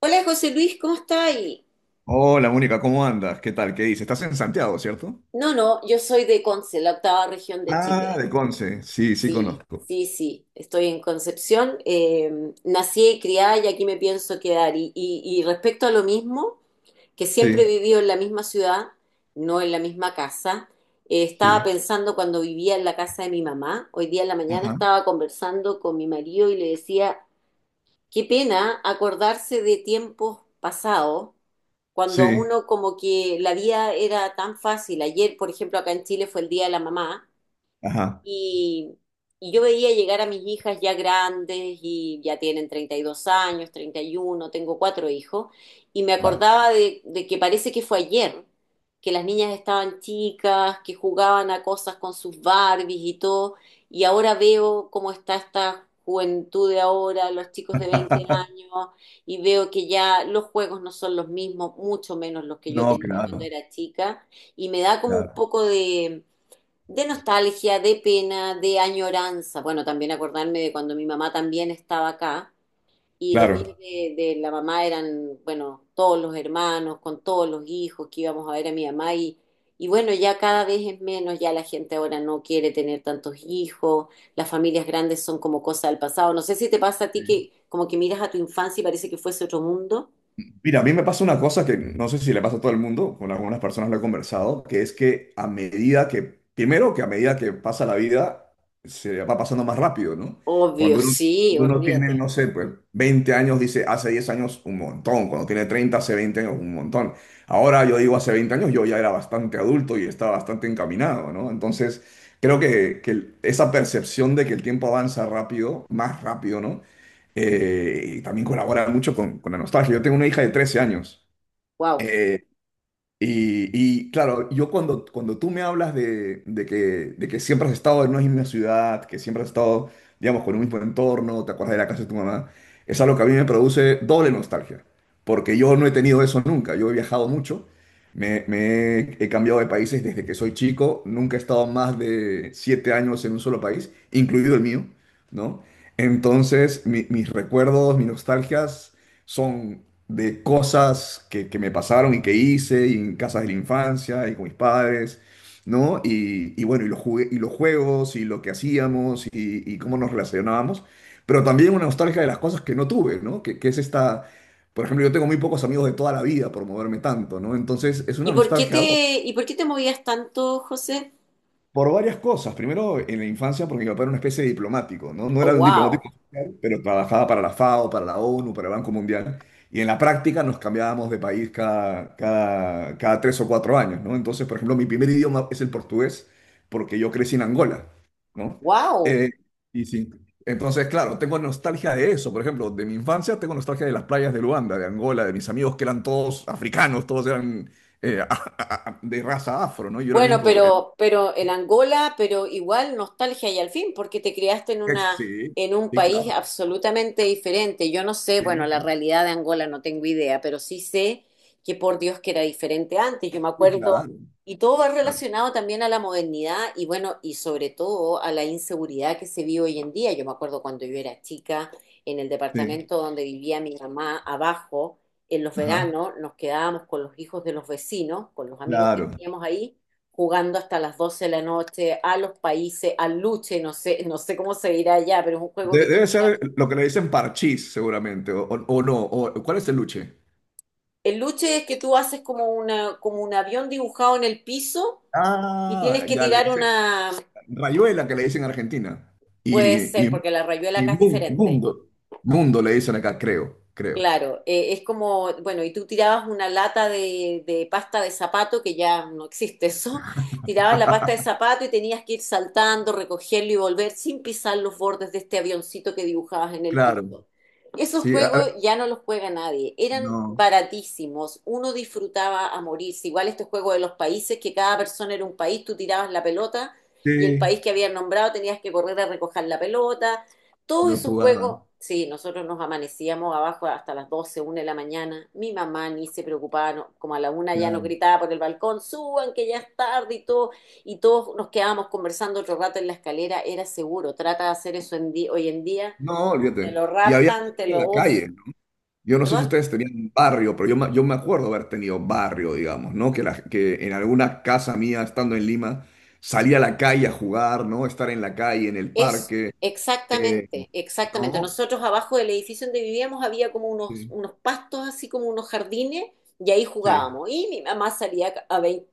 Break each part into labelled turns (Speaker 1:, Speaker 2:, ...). Speaker 1: Hola José Luis, ¿cómo está ahí?
Speaker 2: Hola Mónica, ¿cómo andas? ¿Qué tal? ¿Qué dices? Estás en Santiago, ¿cierto?
Speaker 1: No, no, yo soy de Conce, la octava región de
Speaker 2: Ah,
Speaker 1: Chile.
Speaker 2: de Conce. Sí, sí
Speaker 1: Sí,
Speaker 2: conozco.
Speaker 1: sí, sí, estoy en Concepción. Nací y criada y aquí me pienso quedar. Y respecto a lo mismo, que siempre he
Speaker 2: Sí,
Speaker 1: vivido en la misma ciudad, no en la misma casa. Estaba
Speaker 2: sí.
Speaker 1: pensando cuando vivía en la casa de mi mamá, hoy día en la mañana
Speaker 2: Ajá.
Speaker 1: estaba conversando con mi marido y le decía. Qué pena acordarse de tiempos pasados, cuando
Speaker 2: Sí,
Speaker 1: uno como que la vida era tan fácil. Ayer, por ejemplo, acá en Chile fue el Día de la Mamá
Speaker 2: ajá.
Speaker 1: y, y yo veía llegar a mis hijas ya grandes y ya tienen 32 años, 31, tengo cuatro hijos, y me
Speaker 2: Guau.
Speaker 1: acordaba de que parece que fue ayer, que las niñas estaban chicas, que jugaban a cosas con sus Barbies y todo, y ahora veo cómo está esta juventud de ahora, los chicos de 20 años, y veo que ya los juegos no son los mismos, mucho menos los que yo
Speaker 2: No,
Speaker 1: tenía cuando
Speaker 2: claro,
Speaker 1: era chica, y me da como un
Speaker 2: claro.
Speaker 1: poco de nostalgia, de pena, de añoranza. Bueno, también acordarme de cuando mi mamá también estaba acá y los
Speaker 2: Claro.
Speaker 1: días de la mamá eran, bueno, todos los hermanos, con todos los hijos que íbamos a ver a mi mamá y bueno, ya cada vez es menos, ya la gente ahora no quiere tener tantos hijos, las familias grandes son como cosa del pasado. No sé si te pasa a ti que como que miras a tu infancia y parece que fuese otro mundo.
Speaker 2: Mira, a mí me pasa una cosa que no sé si le pasa a todo el mundo, con algunas personas lo he conversado, que es que a medida que, primero que a medida que pasa la vida, se va pasando más rápido, ¿no?
Speaker 1: Obvio,
Speaker 2: Cuando uno,
Speaker 1: sí,
Speaker 2: cuando uno tiene,
Speaker 1: olvídate.
Speaker 2: no sé, pues 20 años, dice, hace 10 años un montón, cuando tiene 30 hace 20 años un montón. Ahora yo digo, hace 20 años yo ya era bastante adulto y estaba bastante encaminado, ¿no? Entonces, que esa percepción de que el tiempo avanza más rápido, ¿no? Y también colabora mucho con la nostalgia. Yo tengo una hija de 13 años.
Speaker 1: Wow.
Speaker 2: Eh, y, claro, yo cuando tú me hablas de que siempre has estado en una misma ciudad, que siempre has estado, digamos, con un mismo entorno, te acuerdas de la casa de tu mamá, es algo que a mí me produce doble nostalgia, porque yo no he tenido eso nunca, yo he viajado mucho, he cambiado de países desde que soy chico, nunca he estado más de siete años en un solo país, incluido el mío, ¿no? Entonces, mis recuerdos, mis nostalgias son de cosas que me pasaron y que hice y en casas de la infancia y con mis padres, ¿no? Y bueno, y los juegos y lo que hacíamos y cómo nos relacionábamos, pero también una nostalgia de las cosas que no tuve, ¿no? Que es esta, por ejemplo, yo tengo muy pocos amigos de toda la vida por moverme tanto, ¿no? Entonces es
Speaker 1: ¿Y
Speaker 2: una
Speaker 1: por qué
Speaker 2: nostalgia
Speaker 1: te, y por qué te movías tanto, José?
Speaker 2: por varias cosas. Primero, en la infancia, porque mi papá era una especie de diplomático, ¿no? No
Speaker 1: Oh,
Speaker 2: era un
Speaker 1: wow.
Speaker 2: diplomático oficial, pero trabajaba para la FAO, para la ONU, para el Banco Mundial. Y en la práctica nos cambiábamos de país cada tres o cuatro años, ¿no? Entonces, por ejemplo, mi primer idioma es el portugués, porque yo crecí en Angola, ¿no?
Speaker 1: Wow.
Speaker 2: Eh, y sí. Entonces, claro, tengo nostalgia de eso. Por ejemplo, de mi infancia tengo nostalgia de las playas de Luanda, de Angola, de mis amigos que eran todos africanos, todos eran eh, de raza afro, ¿no? Yo era el
Speaker 1: Bueno,
Speaker 2: único.
Speaker 1: pero en Angola, pero igual nostalgia y al fin, porque te criaste en
Speaker 2: Sí,
Speaker 1: un
Speaker 2: sí,
Speaker 1: país
Speaker 2: claro.
Speaker 1: absolutamente diferente. Yo no sé, bueno,
Speaker 2: Sí,
Speaker 1: la
Speaker 2: sí,
Speaker 1: realidad de Angola no tengo idea, pero sí sé que por Dios que era diferente antes. Yo me
Speaker 2: sí,
Speaker 1: acuerdo,
Speaker 2: claro,
Speaker 1: y todo va
Speaker 2: claro.
Speaker 1: relacionado también a la modernidad y bueno, y sobre todo a la inseguridad que se vive hoy en día. Yo me acuerdo cuando yo era chica, en el
Speaker 2: Sí,
Speaker 1: departamento donde vivía mi mamá, abajo, en los
Speaker 2: ajá,
Speaker 1: veranos, nos quedábamos con los hijos de los vecinos, con los amigos que
Speaker 2: claro.
Speaker 1: teníamos ahí jugando hasta las 12 de la noche, a los países, al luche, no sé, no sé cómo se dirá allá, pero es un juego que tú
Speaker 2: Debe
Speaker 1: tiras.
Speaker 2: ser lo que le dicen parchís, seguramente, o no. O, ¿cuál es el luche?
Speaker 1: El luche es que tú haces como un avión dibujado en el piso y tienes
Speaker 2: Ah,
Speaker 1: que
Speaker 2: ya le
Speaker 1: tirar
Speaker 2: dicen
Speaker 1: una,
Speaker 2: rayuela que le dicen en Argentina.
Speaker 1: puede
Speaker 2: Y,
Speaker 1: ser,
Speaker 2: y,
Speaker 1: porque la rayuela acá es diferente.
Speaker 2: mundo, mundo le dicen acá, creo, creo.
Speaker 1: Claro, es como, bueno, y tú tirabas una lata de pasta de zapato, que ya no existe eso, tirabas la pasta de zapato y tenías que ir saltando, recogerlo y volver sin pisar los bordes de este avioncito que dibujabas en el
Speaker 2: Claro,
Speaker 1: piso. Esos
Speaker 2: sí,
Speaker 1: juegos ya no los juega nadie, eran
Speaker 2: no,
Speaker 1: baratísimos, uno disfrutaba a morirse, igual este juego de los países, que cada persona era un país, tú tirabas la pelota y el
Speaker 2: sí,
Speaker 1: país que habían nombrado tenías que correr a recoger la pelota, todos
Speaker 2: lo
Speaker 1: esos
Speaker 2: jugaba,
Speaker 1: juegos, sí, nosotros nos amanecíamos abajo hasta las doce una de la mañana. Mi mamá ni se preocupaba, como a la una ya nos
Speaker 2: claro.
Speaker 1: gritaba por el balcón, suban que ya es tarde y todo. Y todos nos quedábamos conversando otro rato en la escalera, era seguro. Trata de hacer eso en hoy en día,
Speaker 2: No,
Speaker 1: te
Speaker 2: olvídate.
Speaker 1: lo
Speaker 2: Y había
Speaker 1: raptan, te
Speaker 2: gente en
Speaker 1: lo.
Speaker 2: la
Speaker 1: Uf,
Speaker 2: calle. Yo no sé si
Speaker 1: ¿perdón?
Speaker 2: ustedes tenían barrio, pero yo me acuerdo haber tenido barrio, digamos, ¿no? Que en alguna casa mía, estando en Lima, salía a la calle a jugar, ¿no? Estar en la calle, en el
Speaker 1: Es
Speaker 2: parque, eh,
Speaker 1: exactamente, exactamente.
Speaker 2: ¿no?
Speaker 1: Nosotros abajo del edificio donde vivíamos había como unos,
Speaker 2: Sí,
Speaker 1: unos pastos, así como unos jardines, y ahí
Speaker 2: sí,
Speaker 1: jugábamos. Y mi mamá salía ca- a vein-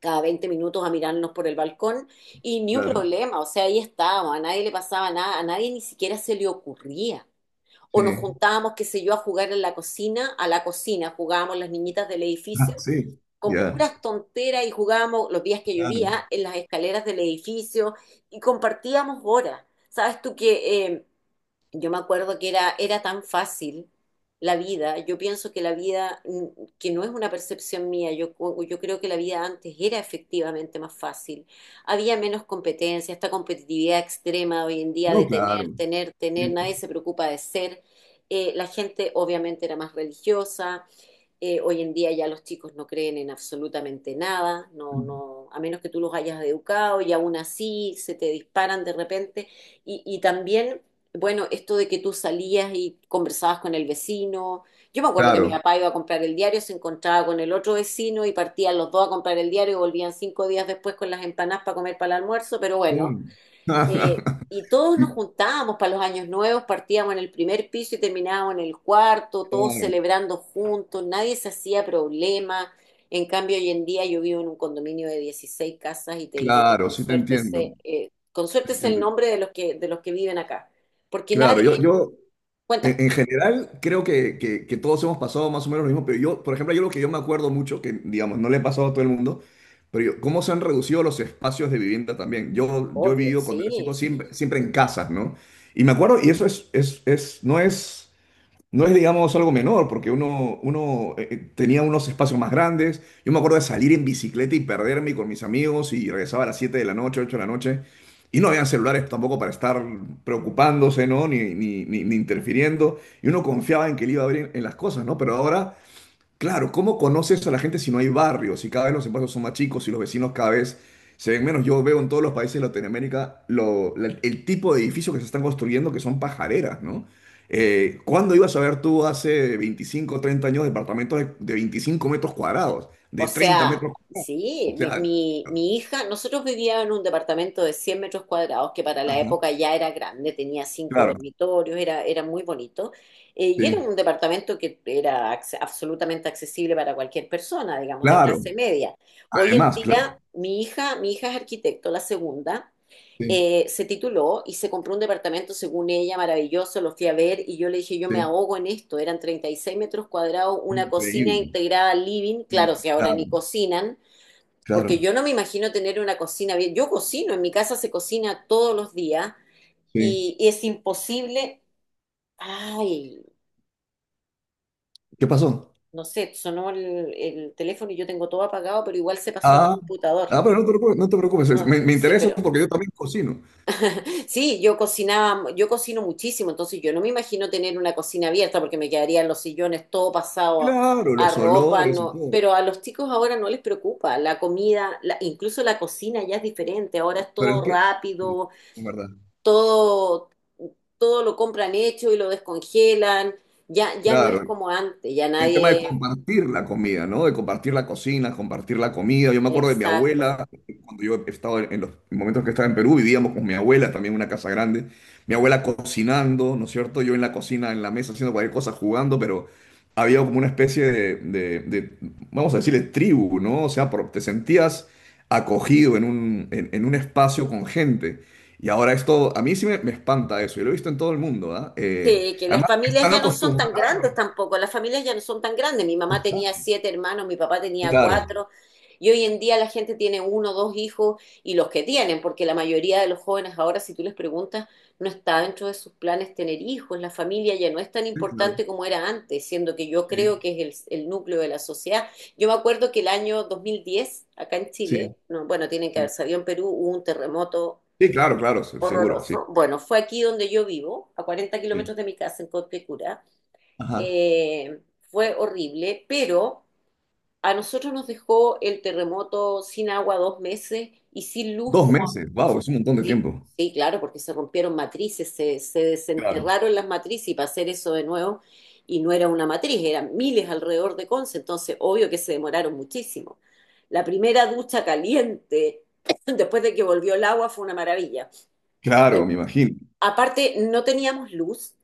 Speaker 1: cada 20 minutos a mirarnos por el balcón y ni un
Speaker 2: claro,
Speaker 1: problema, o sea, ahí estábamos, a nadie le pasaba nada, a nadie ni siquiera se le ocurría. O nos
Speaker 2: sí.
Speaker 1: juntábamos, qué sé yo, a jugar en la cocina, a la cocina, jugábamos las niñitas del
Speaker 2: Ah,
Speaker 1: edificio
Speaker 2: sí,
Speaker 1: con
Speaker 2: ya,
Speaker 1: puras tonteras y jugábamos los días que
Speaker 2: claro.
Speaker 1: llovía en las escaleras del edificio y compartíamos horas. Sabes tú que yo me acuerdo que era tan fácil la vida. Yo pienso que la vida, que no es una percepción mía, yo creo que la vida antes era efectivamente más fácil. Había menos competencia, esta competitividad extrema hoy en día
Speaker 2: No,
Speaker 1: de tener,
Speaker 2: claro.
Speaker 1: tener, tener,
Speaker 2: Sí,
Speaker 1: nadie se preocupa de ser. La gente obviamente era más religiosa. Hoy en día ya los chicos no creen en absolutamente nada, no, no, a menos que tú los hayas educado y aún así se te disparan de repente. Y también, bueno, esto de que tú salías y conversabas con el vecino. Yo me acuerdo que mi
Speaker 2: claro,
Speaker 1: papá iba a comprar el diario, se encontraba con el otro vecino y partían los dos a comprar el diario y volvían 5 días después con las empanadas para comer para el almuerzo, pero bueno,
Speaker 2: claro.
Speaker 1: y todos nos
Speaker 2: Y-
Speaker 1: juntábamos para los años nuevos, partíamos en el primer piso y terminábamos en el cuarto, todos
Speaker 2: claro,
Speaker 1: celebrando juntos, nadie se hacía problema. En cambio, hoy en día yo vivo en un condominio de 16 casas y te diré que
Speaker 2: claro,
Speaker 1: con
Speaker 2: sí te
Speaker 1: suerte
Speaker 2: entiendo,
Speaker 1: se, eh, con
Speaker 2: te
Speaker 1: suerte es el
Speaker 2: entiendo.
Speaker 1: nombre de los que viven acá. Porque
Speaker 2: Claro,
Speaker 1: nadie,
Speaker 2: yo,
Speaker 1: cuéntame,
Speaker 2: en general, creo que todos hemos pasado más o menos lo mismo, pero yo, por ejemplo, yo lo que yo me acuerdo mucho, que digamos, no le he pasado a todo el mundo, cómo se han reducido los espacios de vivienda también. Yo he
Speaker 1: obvio,
Speaker 2: vivido cuando era chico
Speaker 1: sí,
Speaker 2: siempre, siempre en casas, ¿no? Y me acuerdo, y es, no es. No es, digamos, algo menor, porque uno tenía unos espacios más grandes. Yo me acuerdo de salir en bicicleta y perderme con mis amigos y regresaba a las 7 de la noche, 8 de la noche. Y no habían celulares tampoco para estar preocupándose, ¿no? Ni interfiriendo. Y uno confiaba en que le iba a abrir en las cosas, ¿no? Pero ahora, claro, ¿cómo conoces a la gente si no hay barrios? Si cada vez los espacios son más chicos y los vecinos cada vez se ven menos. Yo veo en todos los países de Latinoamérica el tipo de edificios que se están construyendo, que son pajareras, ¿no? ¿Cuándo ibas a ver tú hace 25, o 30 años departamentos de 25 metros cuadrados,
Speaker 1: o
Speaker 2: de treinta
Speaker 1: sea,
Speaker 2: metros cuadrados?
Speaker 1: sí,
Speaker 2: O
Speaker 1: mi,
Speaker 2: sea,
Speaker 1: mi- mi hija, nosotros vivíamos en un departamento de 100 metros cuadrados, que para la
Speaker 2: ajá,
Speaker 1: época ya era grande, tenía cinco
Speaker 2: claro,
Speaker 1: dormitorios, era muy bonito, y era
Speaker 2: sí,
Speaker 1: un departamento que era absolutamente accesible para cualquier persona, digamos, de
Speaker 2: claro.
Speaker 1: clase media. Hoy en
Speaker 2: Además, claro,
Speaker 1: día, mi hija es arquitecto, la segunda,
Speaker 2: sí,
Speaker 1: se tituló y se compró un departamento, según ella, maravilloso, lo fui a ver y yo le dije, yo me
Speaker 2: sí.
Speaker 1: ahogo en esto, eran 36 metros cuadrados, una cocina
Speaker 2: Increíble.
Speaker 1: integrada al living, claro, si ahora ni
Speaker 2: Claro,
Speaker 1: cocinan, porque
Speaker 2: claro,
Speaker 1: yo no me imagino tener una cocina bien, yo cocino, en mi casa se cocina todos los días
Speaker 2: sí.
Speaker 1: y es imposible, ay,
Speaker 2: ¿Qué pasó?
Speaker 1: no sé, sonó el teléfono y yo tengo todo apagado, pero igual se pasó al
Speaker 2: Ah,
Speaker 1: computador.
Speaker 2: ah, pero no te preocupes, no te preocupes,
Speaker 1: No,
Speaker 2: me
Speaker 1: sí,
Speaker 2: interesa
Speaker 1: pero
Speaker 2: porque yo también cocino.
Speaker 1: sí, yo cocinaba, yo cocino muchísimo, entonces yo no me imagino tener una cocina abierta porque me quedarían los sillones todo pasado a,
Speaker 2: Claro,
Speaker 1: a
Speaker 2: los
Speaker 1: ropa,
Speaker 2: olores y
Speaker 1: no,
Speaker 2: todo,
Speaker 1: pero a los chicos ahora no les preocupa, la comida, incluso la cocina ya es diferente, ahora es
Speaker 2: pero es
Speaker 1: todo
Speaker 2: que, sí,
Speaker 1: rápido,
Speaker 2: en verdad,
Speaker 1: todo, todo lo compran hecho y lo descongelan, ya, ya no es
Speaker 2: claro.
Speaker 1: como antes, ya
Speaker 2: El tema de
Speaker 1: nadie,
Speaker 2: compartir la comida, ¿no? De compartir la cocina, compartir la comida. Yo me acuerdo de mi
Speaker 1: exacto.
Speaker 2: abuela, cuando yo he estado en los momentos que estaba en Perú, vivíamos con mi abuela, también en una casa grande. Mi abuela cocinando, ¿no es cierto? Yo en la cocina, en la mesa, haciendo cualquier cosa, jugando, pero había como una especie de, vamos a decirle, tribu, ¿no? O sea, te sentías acogido en un, en un espacio con gente. Y ahora esto, a mí sí me espanta eso. Yo lo he visto en todo el mundo, ¿ah?
Speaker 1: Sí, que las
Speaker 2: Además,
Speaker 1: familias
Speaker 2: están
Speaker 1: ya no son tan grandes
Speaker 2: acostumbrándonos.
Speaker 1: tampoco, las familias ya no son tan grandes. Mi mamá tenía siete hermanos, mi papá tenía
Speaker 2: Claro.
Speaker 1: cuatro, y hoy en día la gente tiene uno, dos hijos, y los que tienen, porque la mayoría de los jóvenes ahora, si tú les preguntas, no está dentro de sus planes tener hijos, la familia ya no es tan
Speaker 2: Sí, claro.
Speaker 1: importante como era antes, siendo que yo
Speaker 2: Sí,
Speaker 1: creo que es el núcleo de la sociedad. Yo me acuerdo que el año 2010, acá en Chile,
Speaker 2: sí,
Speaker 1: no, bueno, tienen que haber
Speaker 2: sí.
Speaker 1: sabido, en Perú hubo un terremoto
Speaker 2: Sí, claro, claro, seguro, sí,
Speaker 1: horroroso. Bueno, fue aquí donde yo vivo, a cuarenta
Speaker 2: sí.
Speaker 1: kilómetros de mi casa, en Cobquecura.
Speaker 2: Ajá.
Speaker 1: Eh, Fue horrible, pero a nosotros nos dejó el terremoto sin agua 2 meses y sin luz
Speaker 2: Dos
Speaker 1: como.
Speaker 2: meses, wow, es un montón de
Speaker 1: Sí,
Speaker 2: tiempo.
Speaker 1: sí, claro, porque se rompieron matrices, se
Speaker 2: Claro,
Speaker 1: desenterraron las matrices y para hacer eso de nuevo, y no era una matriz, eran miles alrededor de Conce, entonces obvio que se demoraron muchísimo. La primera ducha caliente después de que volvió el agua fue una maravilla.
Speaker 2: claro, me imagino.
Speaker 1: Aparte, no teníamos luz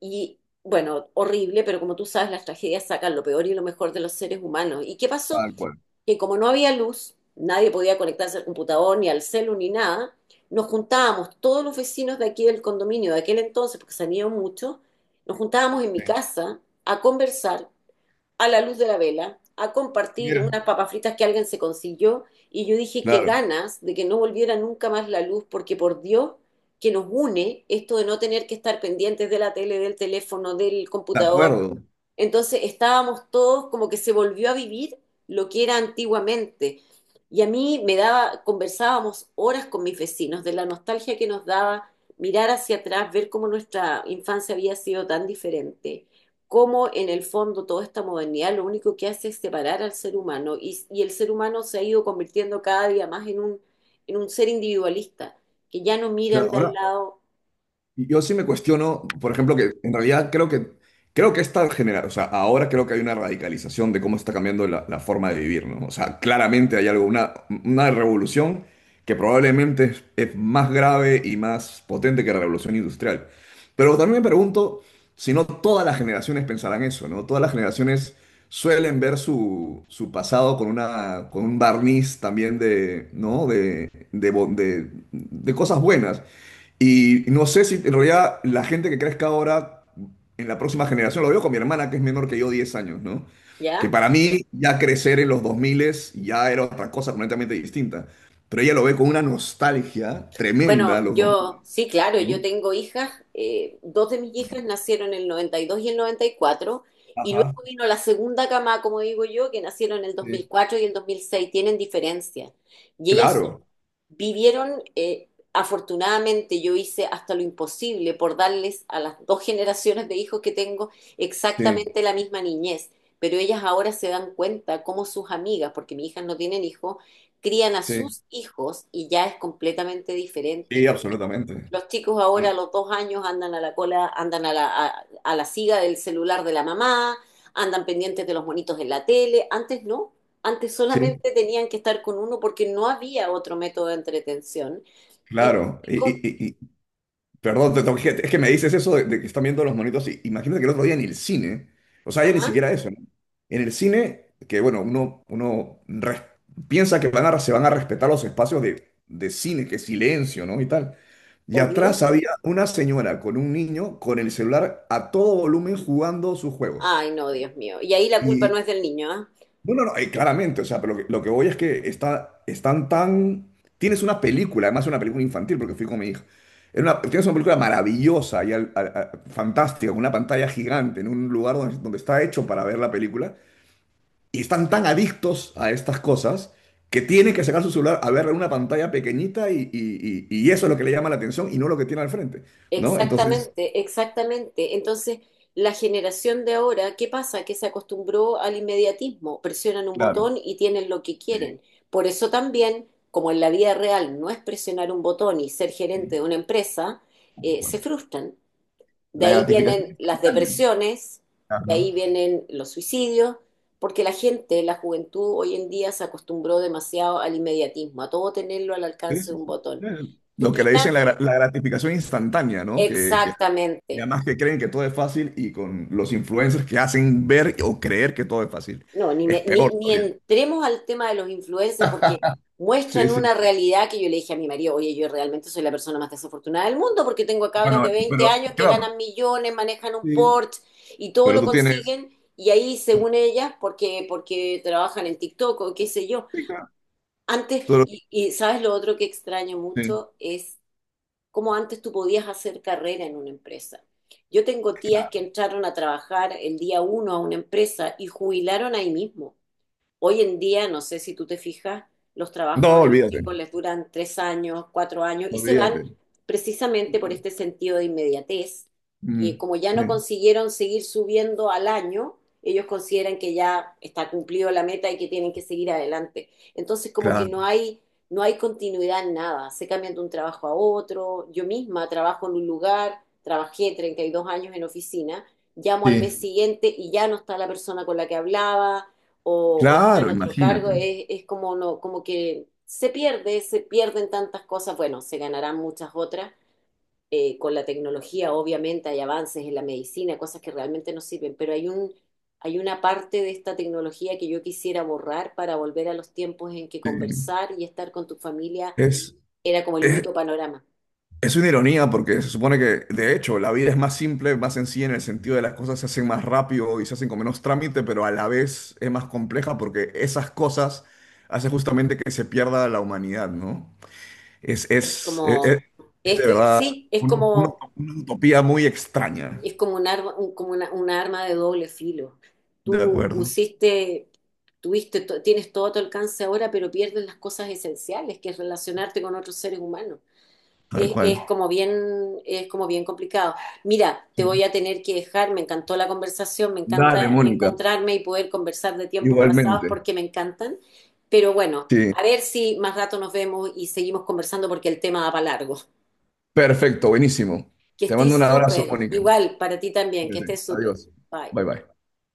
Speaker 1: y, bueno, horrible, pero como tú sabes, las tragedias sacan lo peor y lo mejor de los seres humanos. ¿Y qué pasó?
Speaker 2: Tal cual.
Speaker 1: Que como no había luz, nadie podía conectarse al computador, ni al celu, ni nada, nos juntábamos, todos los vecinos de aquí del condominio de aquel entonces, porque salían muchos, nos juntábamos en mi
Speaker 2: Sí.
Speaker 1: casa a conversar a la luz de la vela a compartir
Speaker 2: Mira.
Speaker 1: unas papas fritas que alguien se consiguió y yo dije que
Speaker 2: Claro,
Speaker 1: ganas de que no volviera nunca más la luz porque por Dios que nos une esto de no tener que estar pendientes de la tele, del teléfono, del
Speaker 2: de
Speaker 1: computador,
Speaker 2: acuerdo.
Speaker 1: entonces estábamos todos como que se volvió a vivir lo que era antiguamente. Y a mí me daba, conversábamos horas con mis vecinos de la nostalgia que nos daba mirar hacia atrás, ver cómo nuestra infancia había sido tan diferente, cómo en el fondo toda esta modernidad lo único que hace es separar al ser humano y el ser humano se ha ido convirtiendo cada día más en un ser individualista, que ya no mira
Speaker 2: Claro,
Speaker 1: al de al
Speaker 2: ahora,
Speaker 1: lado,
Speaker 2: y yo sí me cuestiono, por ejemplo, que en realidad creo que está generando, o sea, ahora creo que hay una radicalización de cómo está cambiando la forma de vivir, ¿no? O sea, claramente hay algo, una revolución que probablemente es más grave y más potente que la revolución industrial. Pero también me pregunto si no todas las generaciones pensarán eso, ¿no? Todas las generaciones suelen ver su pasado con una, con un barniz también de, ¿no? De de cosas buenas. Y no sé si en realidad la gente que crezca ahora en la próxima generación, lo veo con mi hermana que es menor que yo 10 años, ¿no?
Speaker 1: ¿ya?
Speaker 2: Que para mí ya crecer en los 2000 ya era otra cosa completamente distinta. Pero ella lo ve con una nostalgia
Speaker 1: Bueno,
Speaker 2: tremenda los 2000,
Speaker 1: sí, claro,
Speaker 2: ¿no?
Speaker 1: yo tengo hijas, dos de mis hijas nacieron en el noventa y dos y el noventa y cuatro, y luego
Speaker 2: Ajá,
Speaker 1: vino la segunda cama, como digo yo, que nacieron en el dos
Speaker 2: sí.
Speaker 1: mil cuatro y el 2006. Tienen diferencia. Y ellas
Speaker 2: Claro,
Speaker 1: vivieron, afortunadamente yo hice hasta lo imposible por darles a las dos generaciones de hijos que tengo
Speaker 2: sí,
Speaker 1: exactamente la misma niñez, pero ellas ahora se dan cuenta cómo sus amigas, porque mis hijas no tienen hijos, crían a
Speaker 2: sí,
Speaker 1: sus hijos y ya es completamente
Speaker 2: sí,
Speaker 1: diferente.
Speaker 2: absolutamente.
Speaker 1: Los chicos
Speaker 2: Ah,
Speaker 1: ahora a los 2 años andan a la cola, andan a la siga del celular de la mamá, andan pendientes de los monitos en la tele. Antes no, antes
Speaker 2: sí,
Speaker 1: solamente tenían que estar con uno porque no había otro método de entretención. Y los
Speaker 2: claro. Y,
Speaker 1: chicos,
Speaker 2: perdón, te toqué. Es que me dices eso de que están viendo los monitos. Y imagínate que el otro día en el cine, o sea, ya ni
Speaker 1: ajá,
Speaker 2: siquiera eso, ¿no? En el cine, que bueno, piensa que van a, se van a respetar los espacios de cine, que silencio, ¿no? Y tal. Y atrás
Speaker 1: obvio.
Speaker 2: había una señora con un niño con el celular a todo volumen jugando sus juegos.
Speaker 1: Ay, no, Dios mío. Y ahí la culpa no es del niño, ¿ah?
Speaker 2: No, no, no, claramente, o sea, pero lo que voy es que está, están tan... Tienes una película, además una película infantil, porque fui con mi hija. Tienes una película maravillosa y fantástica, con una pantalla gigante, en un lugar donde está hecho para ver la película, y están tan adictos a estas cosas que tienen que sacar su celular a verla en una pantalla pequeñita y eso es lo que le llama la atención y no lo que tiene al frente, ¿no? Entonces,
Speaker 1: Exactamente, exactamente. Entonces, la generación de ahora, ¿qué pasa? Que se acostumbró al inmediatismo, presionan un
Speaker 2: claro,
Speaker 1: botón y tienen lo que
Speaker 2: sí,
Speaker 1: quieren. Por eso también, como en la vida real no es presionar un botón y ser gerente
Speaker 2: sí,
Speaker 1: de una empresa,
Speaker 2: tal cual.
Speaker 1: se frustran. De
Speaker 2: La
Speaker 1: ahí
Speaker 2: gratificación
Speaker 1: vienen las
Speaker 2: instantánea, ¿no?
Speaker 1: depresiones, de ahí
Speaker 2: Ajá.
Speaker 1: vienen los suicidios, porque la gente, la juventud hoy en día se acostumbró demasiado al inmediatismo, a todo tenerlo al
Speaker 2: Sí,
Speaker 1: alcance de
Speaker 2: sí,
Speaker 1: un
Speaker 2: sí.
Speaker 1: botón. Tú
Speaker 2: Lo que le dicen la gratificación instantánea, ¿no? Y
Speaker 1: Exactamente.
Speaker 2: además que creen que todo es fácil y con los influencers que hacen ver o creer que todo es fácil.
Speaker 1: No, ni,
Speaker 2: Es
Speaker 1: me- ni,
Speaker 2: peor
Speaker 1: ni
Speaker 2: todavía.
Speaker 1: entremos al tema de los influencers porque
Speaker 2: Sí,
Speaker 1: muestran una
Speaker 2: sí.
Speaker 1: realidad que yo le dije a mi marido: oye, yo realmente soy la persona más desafortunada del mundo porque tengo a cabras
Speaker 2: Bueno,
Speaker 1: de 20
Speaker 2: pero
Speaker 1: años que
Speaker 2: claro.
Speaker 1: ganan millones, manejan un
Speaker 2: Sí.
Speaker 1: Porsche y todo
Speaker 2: Pero
Speaker 1: lo
Speaker 2: tú tienes.
Speaker 1: consiguen y ahí,
Speaker 2: tú-
Speaker 1: según ellas, porque trabajan en TikTok o qué sé yo.
Speaker 2: sí, claro.
Speaker 1: Antes,
Speaker 2: Tú lo-
Speaker 1: y sabes lo otro que extraño
Speaker 2: sí,
Speaker 1: mucho es cómo antes tú podías hacer carrera en una empresa. Yo tengo tías que
Speaker 2: claro.
Speaker 1: entraron a trabajar el día uno a una empresa y jubilaron ahí mismo. Hoy en día, no sé si tú te fijas, los trabajos
Speaker 2: No,
Speaker 1: a los
Speaker 2: olvídate.
Speaker 1: chicos les duran 3 años, 4 años y se van
Speaker 2: Olvídate.
Speaker 1: precisamente por
Speaker 2: Claro.
Speaker 1: este sentido de inmediatez, que
Speaker 2: Mm,
Speaker 1: como ya no
Speaker 2: sí,
Speaker 1: consiguieron seguir subiendo al año, ellos consideran que ya está cumplido la meta y que tienen que seguir adelante. Entonces, como que
Speaker 2: claro.
Speaker 1: no hay continuidad en nada, se cambian de un trabajo a otro. Yo misma trabajo en un lugar, trabajé 32 años en oficina, llamo al mes
Speaker 2: Sí.
Speaker 1: siguiente y ya no está la persona con la que hablaba o está en
Speaker 2: Claro,
Speaker 1: otro cargo,
Speaker 2: imagínate.
Speaker 1: es como, no, como que se pierde, se pierden tantas cosas, bueno, se ganarán muchas otras. Con la tecnología, obviamente, hay avances en la medicina, cosas que realmente nos sirven, pero hay una parte de esta tecnología que yo quisiera borrar para volver a los tiempos en que
Speaker 2: Sí.
Speaker 1: conversar y estar con tu familia
Speaker 2: Es,
Speaker 1: era como el
Speaker 2: es,
Speaker 1: único panorama.
Speaker 2: Es una ironía porque se supone que, de hecho, la vida es más simple, más sencilla en el sentido de las cosas se hacen más rápido y se hacen con menos trámite, pero a la vez es más compleja porque esas cosas hacen justamente que se pierda la humanidad, ¿no? Es,
Speaker 1: Es
Speaker 2: es, es, es-
Speaker 1: como,
Speaker 2: es
Speaker 1: es,
Speaker 2: de
Speaker 1: que-
Speaker 2: verdad
Speaker 1: Sí, es
Speaker 2: una, una-
Speaker 1: como
Speaker 2: una utopía muy extraña.
Speaker 1: un arma, como una arma de doble filo.
Speaker 2: De
Speaker 1: Tú
Speaker 2: acuerdo,
Speaker 1: usiste, tuviste, to- Tienes todo a tu alcance ahora, pero pierdes las cosas esenciales, que es relacionarte con otros seres humanos.
Speaker 2: tal
Speaker 1: Es, es
Speaker 2: cual.
Speaker 1: como bien, es como bien complicado. Mira, te
Speaker 2: Sí.
Speaker 1: voy a tener que dejar, me encantó la conversación, me
Speaker 2: Dale,
Speaker 1: encanta
Speaker 2: Mónica,
Speaker 1: encontrarme y poder conversar de tiempos pasados
Speaker 2: igualmente.
Speaker 1: porque me encantan, pero bueno,
Speaker 2: Sí,
Speaker 1: a ver si más rato nos vemos y seguimos conversando porque el tema da para largo.
Speaker 2: perfecto, buenísimo.
Speaker 1: Que
Speaker 2: Te mando un
Speaker 1: estés
Speaker 2: abrazo,
Speaker 1: súper,
Speaker 2: Mónica.
Speaker 1: igual para ti también, que
Speaker 2: Cuídate.
Speaker 1: estés súper.
Speaker 2: Adiós.
Speaker 1: Bye.
Speaker 2: Bye bye.